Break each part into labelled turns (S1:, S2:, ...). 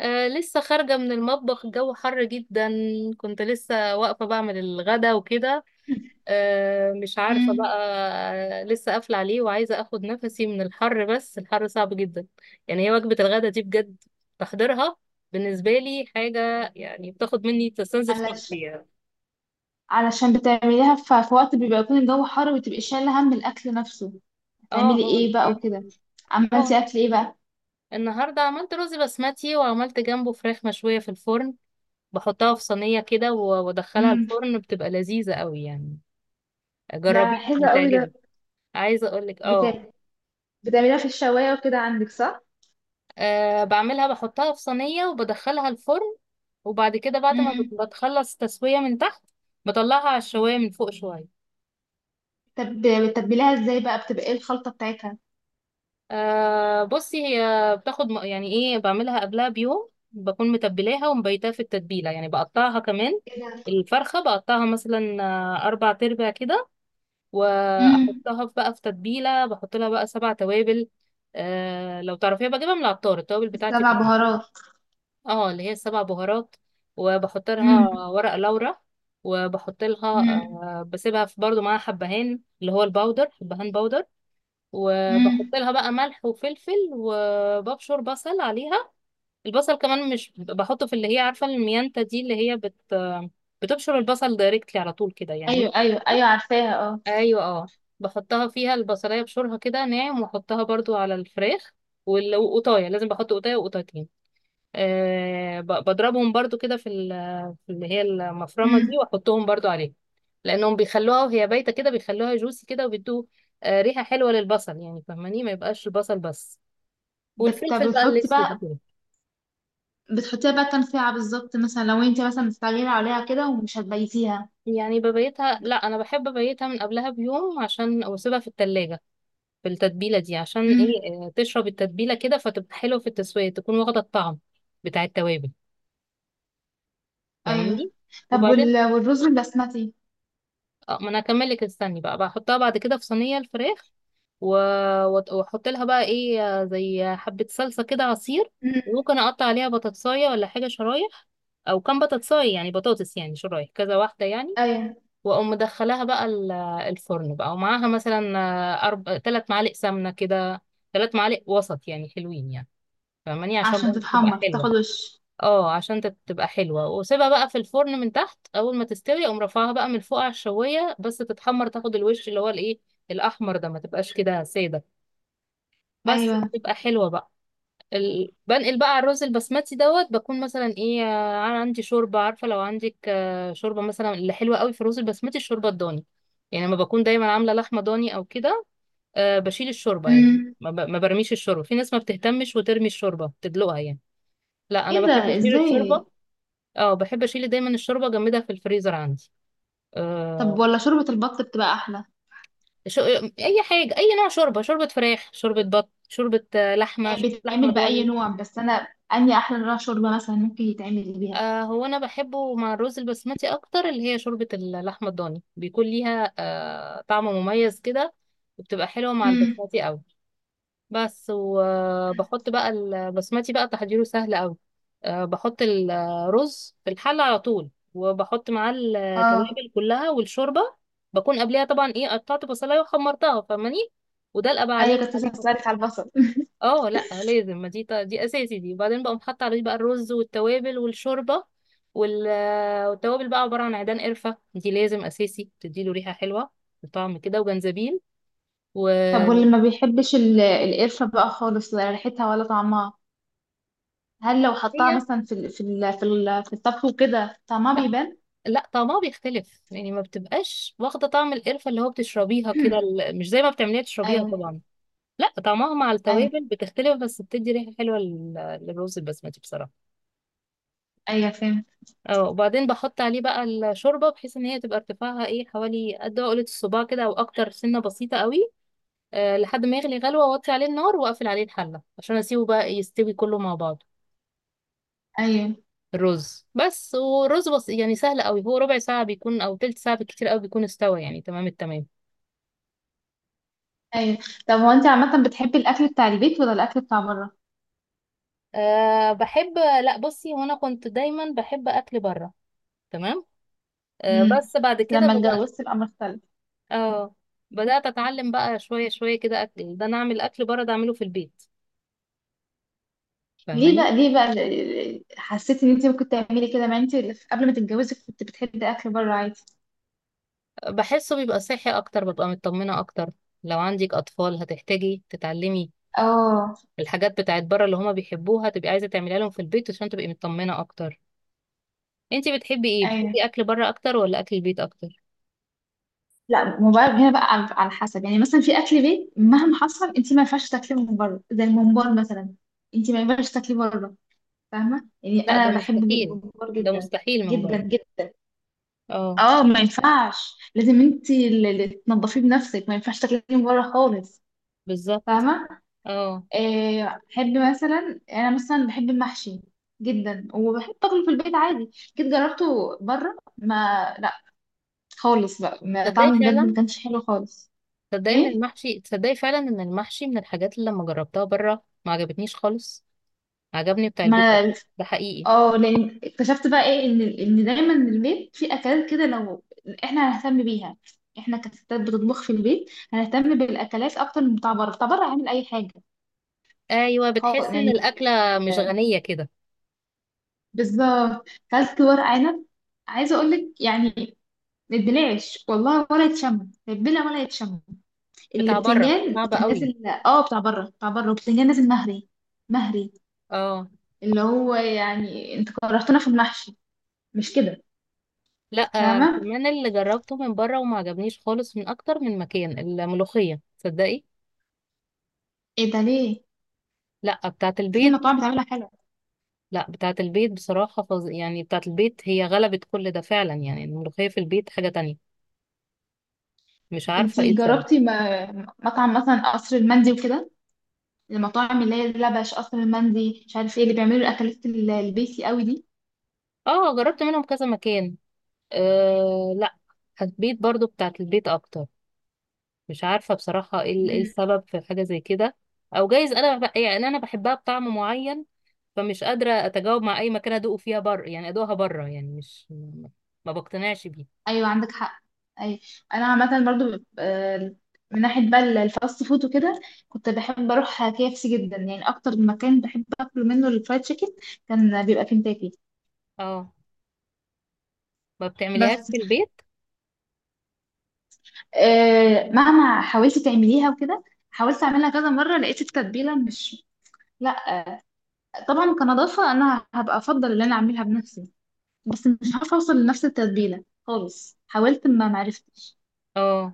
S1: لسه خارجة من المطبخ، الجو حر جدا. كنت لسه واقفة بعمل الغدا وكده. مش عارفة
S2: امم
S1: بقى. لسه قافلة عليه وعايزة اخد نفسي من الحر، بس الحر صعب جدا. يعني هي وجبة الغدا دي بجد تحضيرها بالنسبة لي حاجة، يعني بتاخد مني تستنزف طاقتي
S2: علشان
S1: يعني.
S2: علشان بتعمليها في وقت بيبقى يكون الجو حر وتبقي شايله هم الاكل نفسه.
S1: اه
S2: هتعملي
S1: هو
S2: ايه بقى
S1: الحر.
S2: وكده؟
S1: اه
S2: عملتي اكل ايه بقى؟
S1: النهاردة عملت رز بسمتي وعملت جنبه فراخ مشوية في الفرن. بحطها في صينية كده و- وادخلها
S2: امم
S1: الفرن، بتبقى لذيذة قوي يعني.
S2: ده
S1: جربيها
S2: حلو قوي ده.
S1: هتعجبك. عايزه اقولك
S2: بتاع
S1: اه
S2: بتعمليها في الشوايه وكده عندك، صح؟
S1: بعملها بحطها في صينيه وبدخلها الفرن، وبعد كده بعد ما
S2: امم
S1: بتخلص تسويه من تحت، بطلعها على الشوايه من فوق شويه.
S2: طب بتتبليها ازاي بقى؟ بتبقى ايه الخلطه بتاعتها؟
S1: بصي، هي بتاخد يعني ايه، بعملها قبلها بيوم بكون متبلاها ومبيتها في التتبيله، يعني بقطعها كمان.
S2: ايه ده؟
S1: الفرخه بقطعها مثلا اربع تربع كده،
S2: امم
S1: واحطها بقى في تتبيله، بحط لها بقى 7 توابل. لو تعرفيها بجيبها من العطار، التوابل بتاعتي
S2: السبع
S1: كلها.
S2: بهارات.
S1: اه اللي هي السبع بهارات، وبحط لها
S2: امم.
S1: ورق لورا، وبحط لها
S2: امم.
S1: بسيبها في برضو معاها حبهان، اللي هو الباودر، حبهان باودر. وبحط
S2: امم.
S1: لها بقى ملح وفلفل، وببشر بصل عليها. البصل كمان مش بحطه في اللي هي، عارفة الميانتا دي اللي هي. بتبشر البصل دايركتلي على طول كده يعني.
S2: ايوه ايوه ايوه، عارفاها، اه.
S1: ايوه اه. بحطها فيها البصلاية بشورها كده ناعم، واحطها برضو على الفراخ. والقطاية لازم بحط قطاية وقطايتين، بضربهم برضو كده في في اللي هي المفرمة دي،
S2: امم
S1: واحطهم برضو عليه، لانهم بيخلوها وهي بايتة كده بيخلوها جوسي كده، وبيدوا ريحة حلوة للبصل، يعني فاهماني، ما يبقاش البصل بس والفلفل بقى
S2: بتحطي
S1: الاسود
S2: بقى،
S1: كده.
S2: بتحطيها بقى كام ساعة بالظبط مثلا لو انت مثلا مستعجلة عليها كده ومش هتبيتيها؟
S1: يعني ببيتها، لا انا بحب ابيتها من قبلها بيوم عشان واسيبها في التلاجة في التتبيلة دي، عشان
S2: امم.
S1: ايه، تشرب التتبيلة كده فتبقى حلوة في التسوية، تكون واخدة الطعم بتاع التوابل،
S2: ايوه.
S1: فاهماني.
S2: طب
S1: وبعدين،
S2: وال... والرز البسمتي؟
S1: ما انا هكمل لك، استني بقى، بحطها بعد كده في صينية الفراخ، واحط لها بقى ايه، زي حبة صلصة كده، عصير.
S2: امم.
S1: وممكن اقطع عليها بطاطساية ولا حاجة، شرايح، او كام بطاطساية، يعني بطاطس، يعني شرايح كذا واحدة يعني.
S2: ايوه،
S1: واقوم مدخلاها بقى الفرن بقى، ومعاها مثلا 3 معالق سمنة كده، 3 معالق وسط، يعني حلوين يعني، فاهماني، عشان
S2: عشان
S1: برضه تبقى
S2: تتحمر تاخد
S1: حلوة.
S2: وش.
S1: اه عشان تبقى حلوة، واسيبها بقى في الفرن من تحت، اول ما تستوي اقوم رافعها بقى من فوق على الشواية، بس تتحمر تاخد الوش اللي هو الايه، الاحمر ده، ما تبقاش كده سادة، بس
S2: ايوه.
S1: بتبقى حلوة بقى. بنقل بقى على الرز البسمتي، دوت بكون مثلا ايه، عندي شوربة، عارفة لو عندك شوربة مثلا، اللي حلوة قوي في الرز البسمتي الشوربة الضاني، يعني لما بكون دايما عاملة لحمة ضاني او كده، بشيل الشوربة، يعني
S2: امم
S1: ما برميش الشوربة، في ناس ما بتهتمش وترمي الشوربة تدلقها يعني. لا انا
S2: ايه ده؟
S1: بحب اشيل الشوربة.
S2: ازاي؟
S1: اه بحب اشيل دايما الشوربة، اجمدها في الفريزر عندي.
S2: طب
S1: أه...
S2: ولا شوربة البط بتبقى احلى؟
S1: شو... اي حاجة، اي نوع شوربة، شوربة فراخ، شوربة بط، شوربة لحمة،
S2: هي
S1: شوربة لحمة
S2: بتتعمل بأي
S1: ضاني.
S2: نوع، بس انا اني احلى نوع شوربة مثلا ممكن يتعمل بيها؟
S1: هو انا بحبه مع الرز البسمتي اكتر، اللي هي شوربة اللحمة الضاني بيكون ليها طعم مميز كده، وبتبقى حلوة مع
S2: امم.
S1: البسمتي قوي. بس وبحط بقى البسمتي، بقى تحضيره سهل قوي. بحط الرز في الحلة على طول، وبحط معاه
S2: اه.
S1: التوابل كلها والشوربة. بكون قبلها طبعا ايه، قطعت بصلاية وحمرتها فاهماني، ودلقة بقى
S2: ايوه
S1: عليه
S2: كنت لسه
S1: عليه
S2: هسألك على البصل.
S1: اه لا لازم، ما دي اساسي دي، وبعدين بقوم حاطه عليه بقى الرز والتوابل والشوربه. وال... والتوابل بقى عباره عن عيدان قرفه، دي لازم اساسي، بتديله ريحه حلوه وطعم كده، وجنزبيل
S2: طب واللي
S1: وهي.
S2: ما بيحبش القرفة بقى خالص، ولا ريحتها ولا طعمها، هل لو حطها مثلا في الطبخ وكده طعمها
S1: لا،
S2: بيبان؟
S1: لا، طعمها بيختلف، يعني ما بتبقاش واخده طعم القرفه اللي هو بتشربيها كده، مش زي ما بتعمليها تشربيها
S2: ايوه.
S1: طبعا. لا، طعمها مع
S2: ايوه
S1: التوابل بتختلف، بس بتدي ريحه حلوه للرز البسمتي بصراحه.
S2: ايوه فهمت.
S1: اه وبعدين بحط عليه بقى الشوربة بحيث ان هي تبقى ارتفاعها ايه حوالي قد عقلة الصباع كده او اكتر، سنة بسيطة قوي. لحد ما يغلي غلوة، واوطي عليه النار، واقفل عليه الحلة عشان اسيبه بقى يستوي كله مع بعضه.
S2: ايوه
S1: الرز بس، والرز بس يعني سهل قوي، هو ربع ساعة بيكون او تلت ساعة بالكتير قوي بيكون استوى يعني تمام التمام.
S2: ايوه. طب هو انت عامه بتحبي الاكل بتاع البيت ولا الاكل بتاع بره؟
S1: بحب لا بصي، هو انا كنت دايما بحب اكل بره، تمام.
S2: امم
S1: بس بعد كده
S2: لما
S1: بدأت،
S2: اتجوزت الامر اختلف.
S1: اه بدأت اتعلم بقى شوية شوية كده، اكل ده انا اعمل اكل بره ده اعمله في البيت،
S2: ليه
S1: فاهماني.
S2: بقى؟ ليه بقى حسيتي ان انت ممكن تعملي كده؟ ما انت قبل ما تتجوزي كنت بتحبي اكل بره عادي.
S1: بحسه بيبقى صحي اكتر، ببقى مطمنة اكتر. لو عندك اطفال هتحتاجي تتعلمي
S2: اه.
S1: الحاجات بتاعت بره اللي هما بيحبوها، تبقي عايزة تعمليها لهم في البيت عشان تبقي مطمنة اكتر. انتي بتحبي ايه؟
S2: ايوه.
S1: بتحبي اكل بره اكتر ولا اكل البيت اكتر؟
S2: لا موبايل هنا بقى، على على حسب، يعني مثلا في اكل بيت مهما حصل انت ما ينفعش تاكليه من بره، زي الممبار مثلا، انت ما ينفعش تاكليه بره. فاهمة؟ يعني
S1: لا ده
S2: أنا بحب
S1: مستحيل،
S2: جمهور
S1: ده
S2: جدا،
S1: مستحيل من
S2: جدا
S1: بره.
S2: جدا.
S1: اه،
S2: اه، ما ينفعش، لازم انت اللي تنضفيه بنفسك، ما ينفعش تاكليه من بره خالص.
S1: بالظبط.
S2: فاهمة؟
S1: اه
S2: آه، أحب مثلا، أنا مثلا بحب المحشي جدا، وبحب أكله في البيت عادي. جيت جربته بره، ما، لا، خالص بقى، ما
S1: تصدقي
S2: طعمه بجد ما
S1: فعلا،
S2: كانش حلو خالص.
S1: تصدقي ان
S2: ايه،
S1: المحشي، تصدقي فعلا ان المحشي من الحاجات اللي لما جربتها بره ما عجبتنيش خالص. عجبني بتاع البيت اكتر.
S2: ما،
S1: ده حقيقي.
S2: اه، لان اكتشفت بقى ايه ان ان دايما البيت فيه اكلات كده، لو احنا هنهتم بيها، احنا كستات بتطبخ في البيت هنهتم بالاكلات اكتر من بتاع بره. بتاع بره هعمل اي حاجه،
S1: ايوه،
S2: خالص
S1: بتحس ان
S2: يعني.
S1: الاكله مش
S2: زي
S1: غنيه كده.
S2: بالظبط كلت ورق عنب، عايزه اقول لك يعني ما اتبلعش والله، ولا يتشم، لا يتبلع ولا يتشم.
S1: بتاع بره
S2: البتنجان
S1: صعبه
S2: كان
S1: قوي.
S2: نازل، اه، بتاع بره، بتاع بره، والبتنجان نازل مهري. مهري.
S1: اه
S2: اللي هو يعني انت كرهتنا في المحشي، مش كده؟
S1: لا
S2: فاهمه؟
S1: كمان اللي جربته من بره وما عجبنيش خالص من اكتر من مكان، الملوخية، تصدقي.
S2: ايه ده ليه؟
S1: لا، بتاعة
S2: في
S1: البيت.
S2: مطاعم بتعملها حلوة.
S1: لا، بتاعة البيت بصراحة يعني بتاعة البيت هي غلبت كل ده فعلا، يعني الملوخية في البيت حاجة تانية. مش عارفة ايه
S2: انتي
S1: السبب.
S2: جربتي مطعم مثلا قصر المندي وكده، المطاعم اللي هي لبش قصر المندي، مش عارف ايه اللي بيعملوا الاكلات البيسي قوي دي؟
S1: اه جربت منهم كذا مكان. لا، البيت برضو، بتاعة البيت اكتر. مش عارفة بصراحة ايه إيه
S2: مم.
S1: السبب في حاجة زي كده. او جايز انا يعني انا بحبها بطعم معين، فمش قادرة اتجاوب مع اي مكان ادوقه فيها بره، يعني ادوقها بره، يعني مش ما بقتنعش بيه.
S2: ايوه عندك حق. اي. انا عامه برضو، آه، من ناحيه بقى الفاست فود وكده، كنت بحب اروح كي اف سي جدا، يعني اكتر مكان بحب اكل منه الفرايد تشيكن، كان بيبقى كنتاكي.
S1: اه ما بتعمليهاش
S2: بس
S1: في البيت.
S2: آه، مهما حاولت تعمليها وكده، حاولت اعملها كذا مره لقيت التتبيله مش، لا، طبعا كنظافة أنا هبقى أفضل إن أنا أعملها بنفسي، بس مش عارفة أوصل لنفس التتبيلة خالص، حاولت ما معرفتش.
S1: اه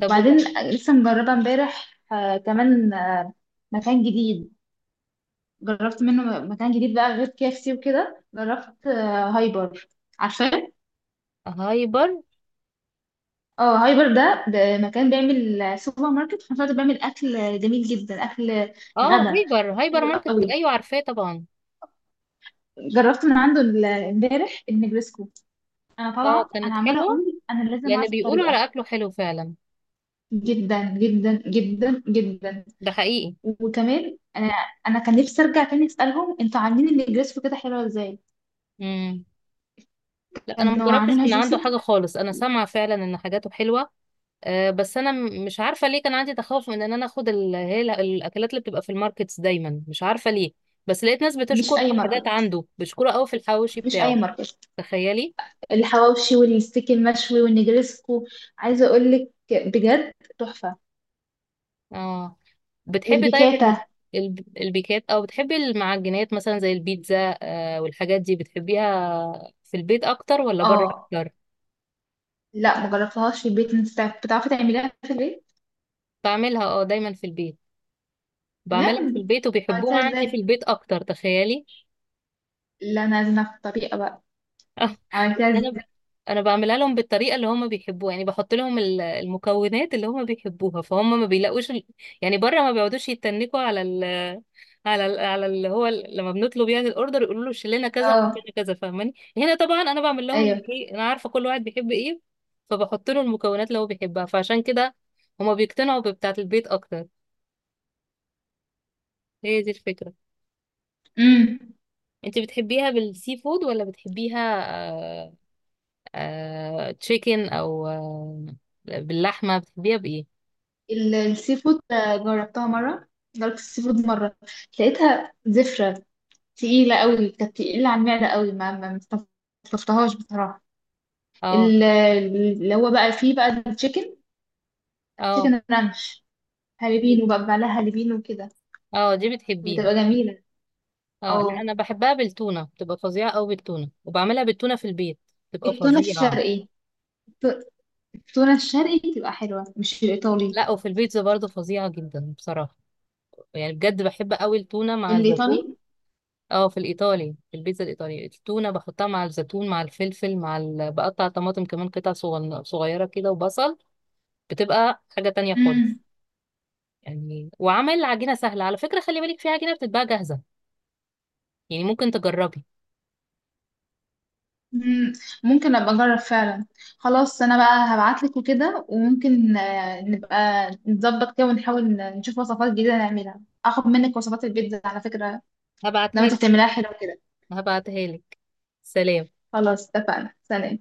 S1: طب
S2: لسه مجربة امبارح آه كمان آه، مكان جديد، جربت منه مكان جديد بقى غير كيفسي وكده. جربت آه هايبر، عارفاه؟
S1: هايبر.
S2: اه هايبر ده مكان بيعمل آه، سوبر ماركت، في نفس الوقت بيعمل أكل جميل جدا، أكل
S1: اه
S2: غدا
S1: هايبر، هايبر
S2: حلو
S1: ماركت،
S2: قوي.
S1: ايوه عارفاه طبعا.
S2: جربت من عنده امبارح النجرسكو، أنا
S1: اه
S2: طالعة أنا
S1: كانت
S2: عمالة
S1: حلوة،
S2: أقول أنا لازم
S1: لان
S2: أعرف
S1: بيقولوا
S2: الطريقة.
S1: على اكله حلو فعلا.
S2: جدا جدا جدا جدا.
S1: ده حقيقي.
S2: وكمان انا، انا كان نفسي ارجع تاني اسالهم انتوا عاملين النجريسكو كده حلوه ازاي؟
S1: امم. لا، انا ما
S2: كانوا
S1: جربتش
S2: عاملينها
S1: من عنده
S2: جوسي.
S1: حاجة خالص، انا سامعة فعلا ان حاجاته حلوة. بس انا مش عارفه ليه كان عندي تخوف من ان انا اخد الاكلات اللي بتبقى في الماركتس دايما، مش عارفه ليه. بس لقيت ناس
S2: مش
S1: بتشكر
S2: اي
S1: في حاجات
S2: ماركت،
S1: عنده، بيشكروا قوي في الحواوشي
S2: مش اي
S1: بتاعه،
S2: ماركت.
S1: تخيلي.
S2: الحواوشي والستيك المشوي والنجريسكو، عايزه اقول لك بجد، تحفه.
S1: اه بتحبي طيب
S2: والبيكاتا.
S1: البيكات، او بتحبي المعجنات مثلا زي البيتزا؟ والحاجات دي بتحبيها في البيت اكتر ولا بره
S2: اه،
S1: اكتر؟
S2: لا مجربتهاش في البيت. انت بتعرفي تعمليها في البيت؟
S1: بعملها دايما في البيت،
S2: بجد؟
S1: بعملها في البيت
S2: عملتها
S1: وبيحبوها عندي في
S2: ازاي؟
S1: البيت اكتر، تخيلي.
S2: لا انا لازم اعرف الطريقه بقى.
S1: اه بس
S2: عملتها
S1: انا
S2: ازاي؟
S1: انا بعملها لهم بالطريقه اللي هم بيحبوها، يعني بحط لهم المكونات اللي هم بيحبوها، فهم ما بيلاقوش يعني بره ما بيقعدوش يتنكوا على على على اللي هو لما بنطلب يعني الاوردر يقولوا له شيل لنا كذا وحط
S2: اه.
S1: لنا كذا، فاهماني. هنا طبعا انا بعمل لهم اللي
S2: ايوه.
S1: ايه، انا عارفه كل واحد بيحب ايه، فبحط له المكونات اللي هو بيحبها، فعشان كده هما بيقتنعوا ببتاعه البيت اكتر. هي دي الفكره.
S2: امم.
S1: انت بتحبيها بالسي فود ولا بتحبيها تشيكن، او باللحمه؟ بتحبيها بايه؟
S2: السي فود آه، جربتها مرة. جربت السي فود مرة، لقيتها زفرة، تقيلة قوي، كانت تقيلة على المعدة قوي. ما ما ما استلطفتهاش بصراحة.
S1: اه.
S2: ال- اللي هو بقى فيه بقى التشيكن،
S1: اه
S2: تشيكن رانش،
S1: دي-
S2: هالبينو بقى، بعملها هالبينو وكده.
S1: اه دي بتحبيها.
S2: بتبقى جميلة.
S1: اه لا،
S2: اه.
S1: انا بحبها بالتونه، بتبقى فظيعه قوي بالتونه، وبعملها بالتونه في البيت، بتبقى
S2: التونة
S1: فظيعه.
S2: الشرقي. الت- التونة الشرقي بتبقى حلوة مش الإيطالي.
S1: لا، وفي البيتزا برضه فظيعه جدا بصراحه، يعني بجد بحب قوي التونه مع الزيتون.
S2: الإيطالي.
S1: اه في الايطالي، في البيتزا الايطالي، التونه بحطها مع الزيتون مع الفلفل مع بقطع طماطم كمان، قطع صغيره كده، وبصل. بتبقى حاجه تانية
S2: مم.
S1: خالص. يعني وعمل عجينة سهلة، على فكرة خلي بالك، في عجينة بتتباع جاهزة، يعني ممكن تجربي.
S2: مم، ممكن ابقى اجرب فعلا. خلاص انا بقى هبعتلك وكده، وممكن آه، نبقى نظبط كده ونحاول نشوف وصفات جديدة نعملها. اخد منك وصفات البيتزا على فكرة لما
S1: هبعتها
S2: انت
S1: لك،
S2: بتعمليها حلوة كده.
S1: هبعتها لك، سلام.
S2: خلاص اتفقنا، سلام.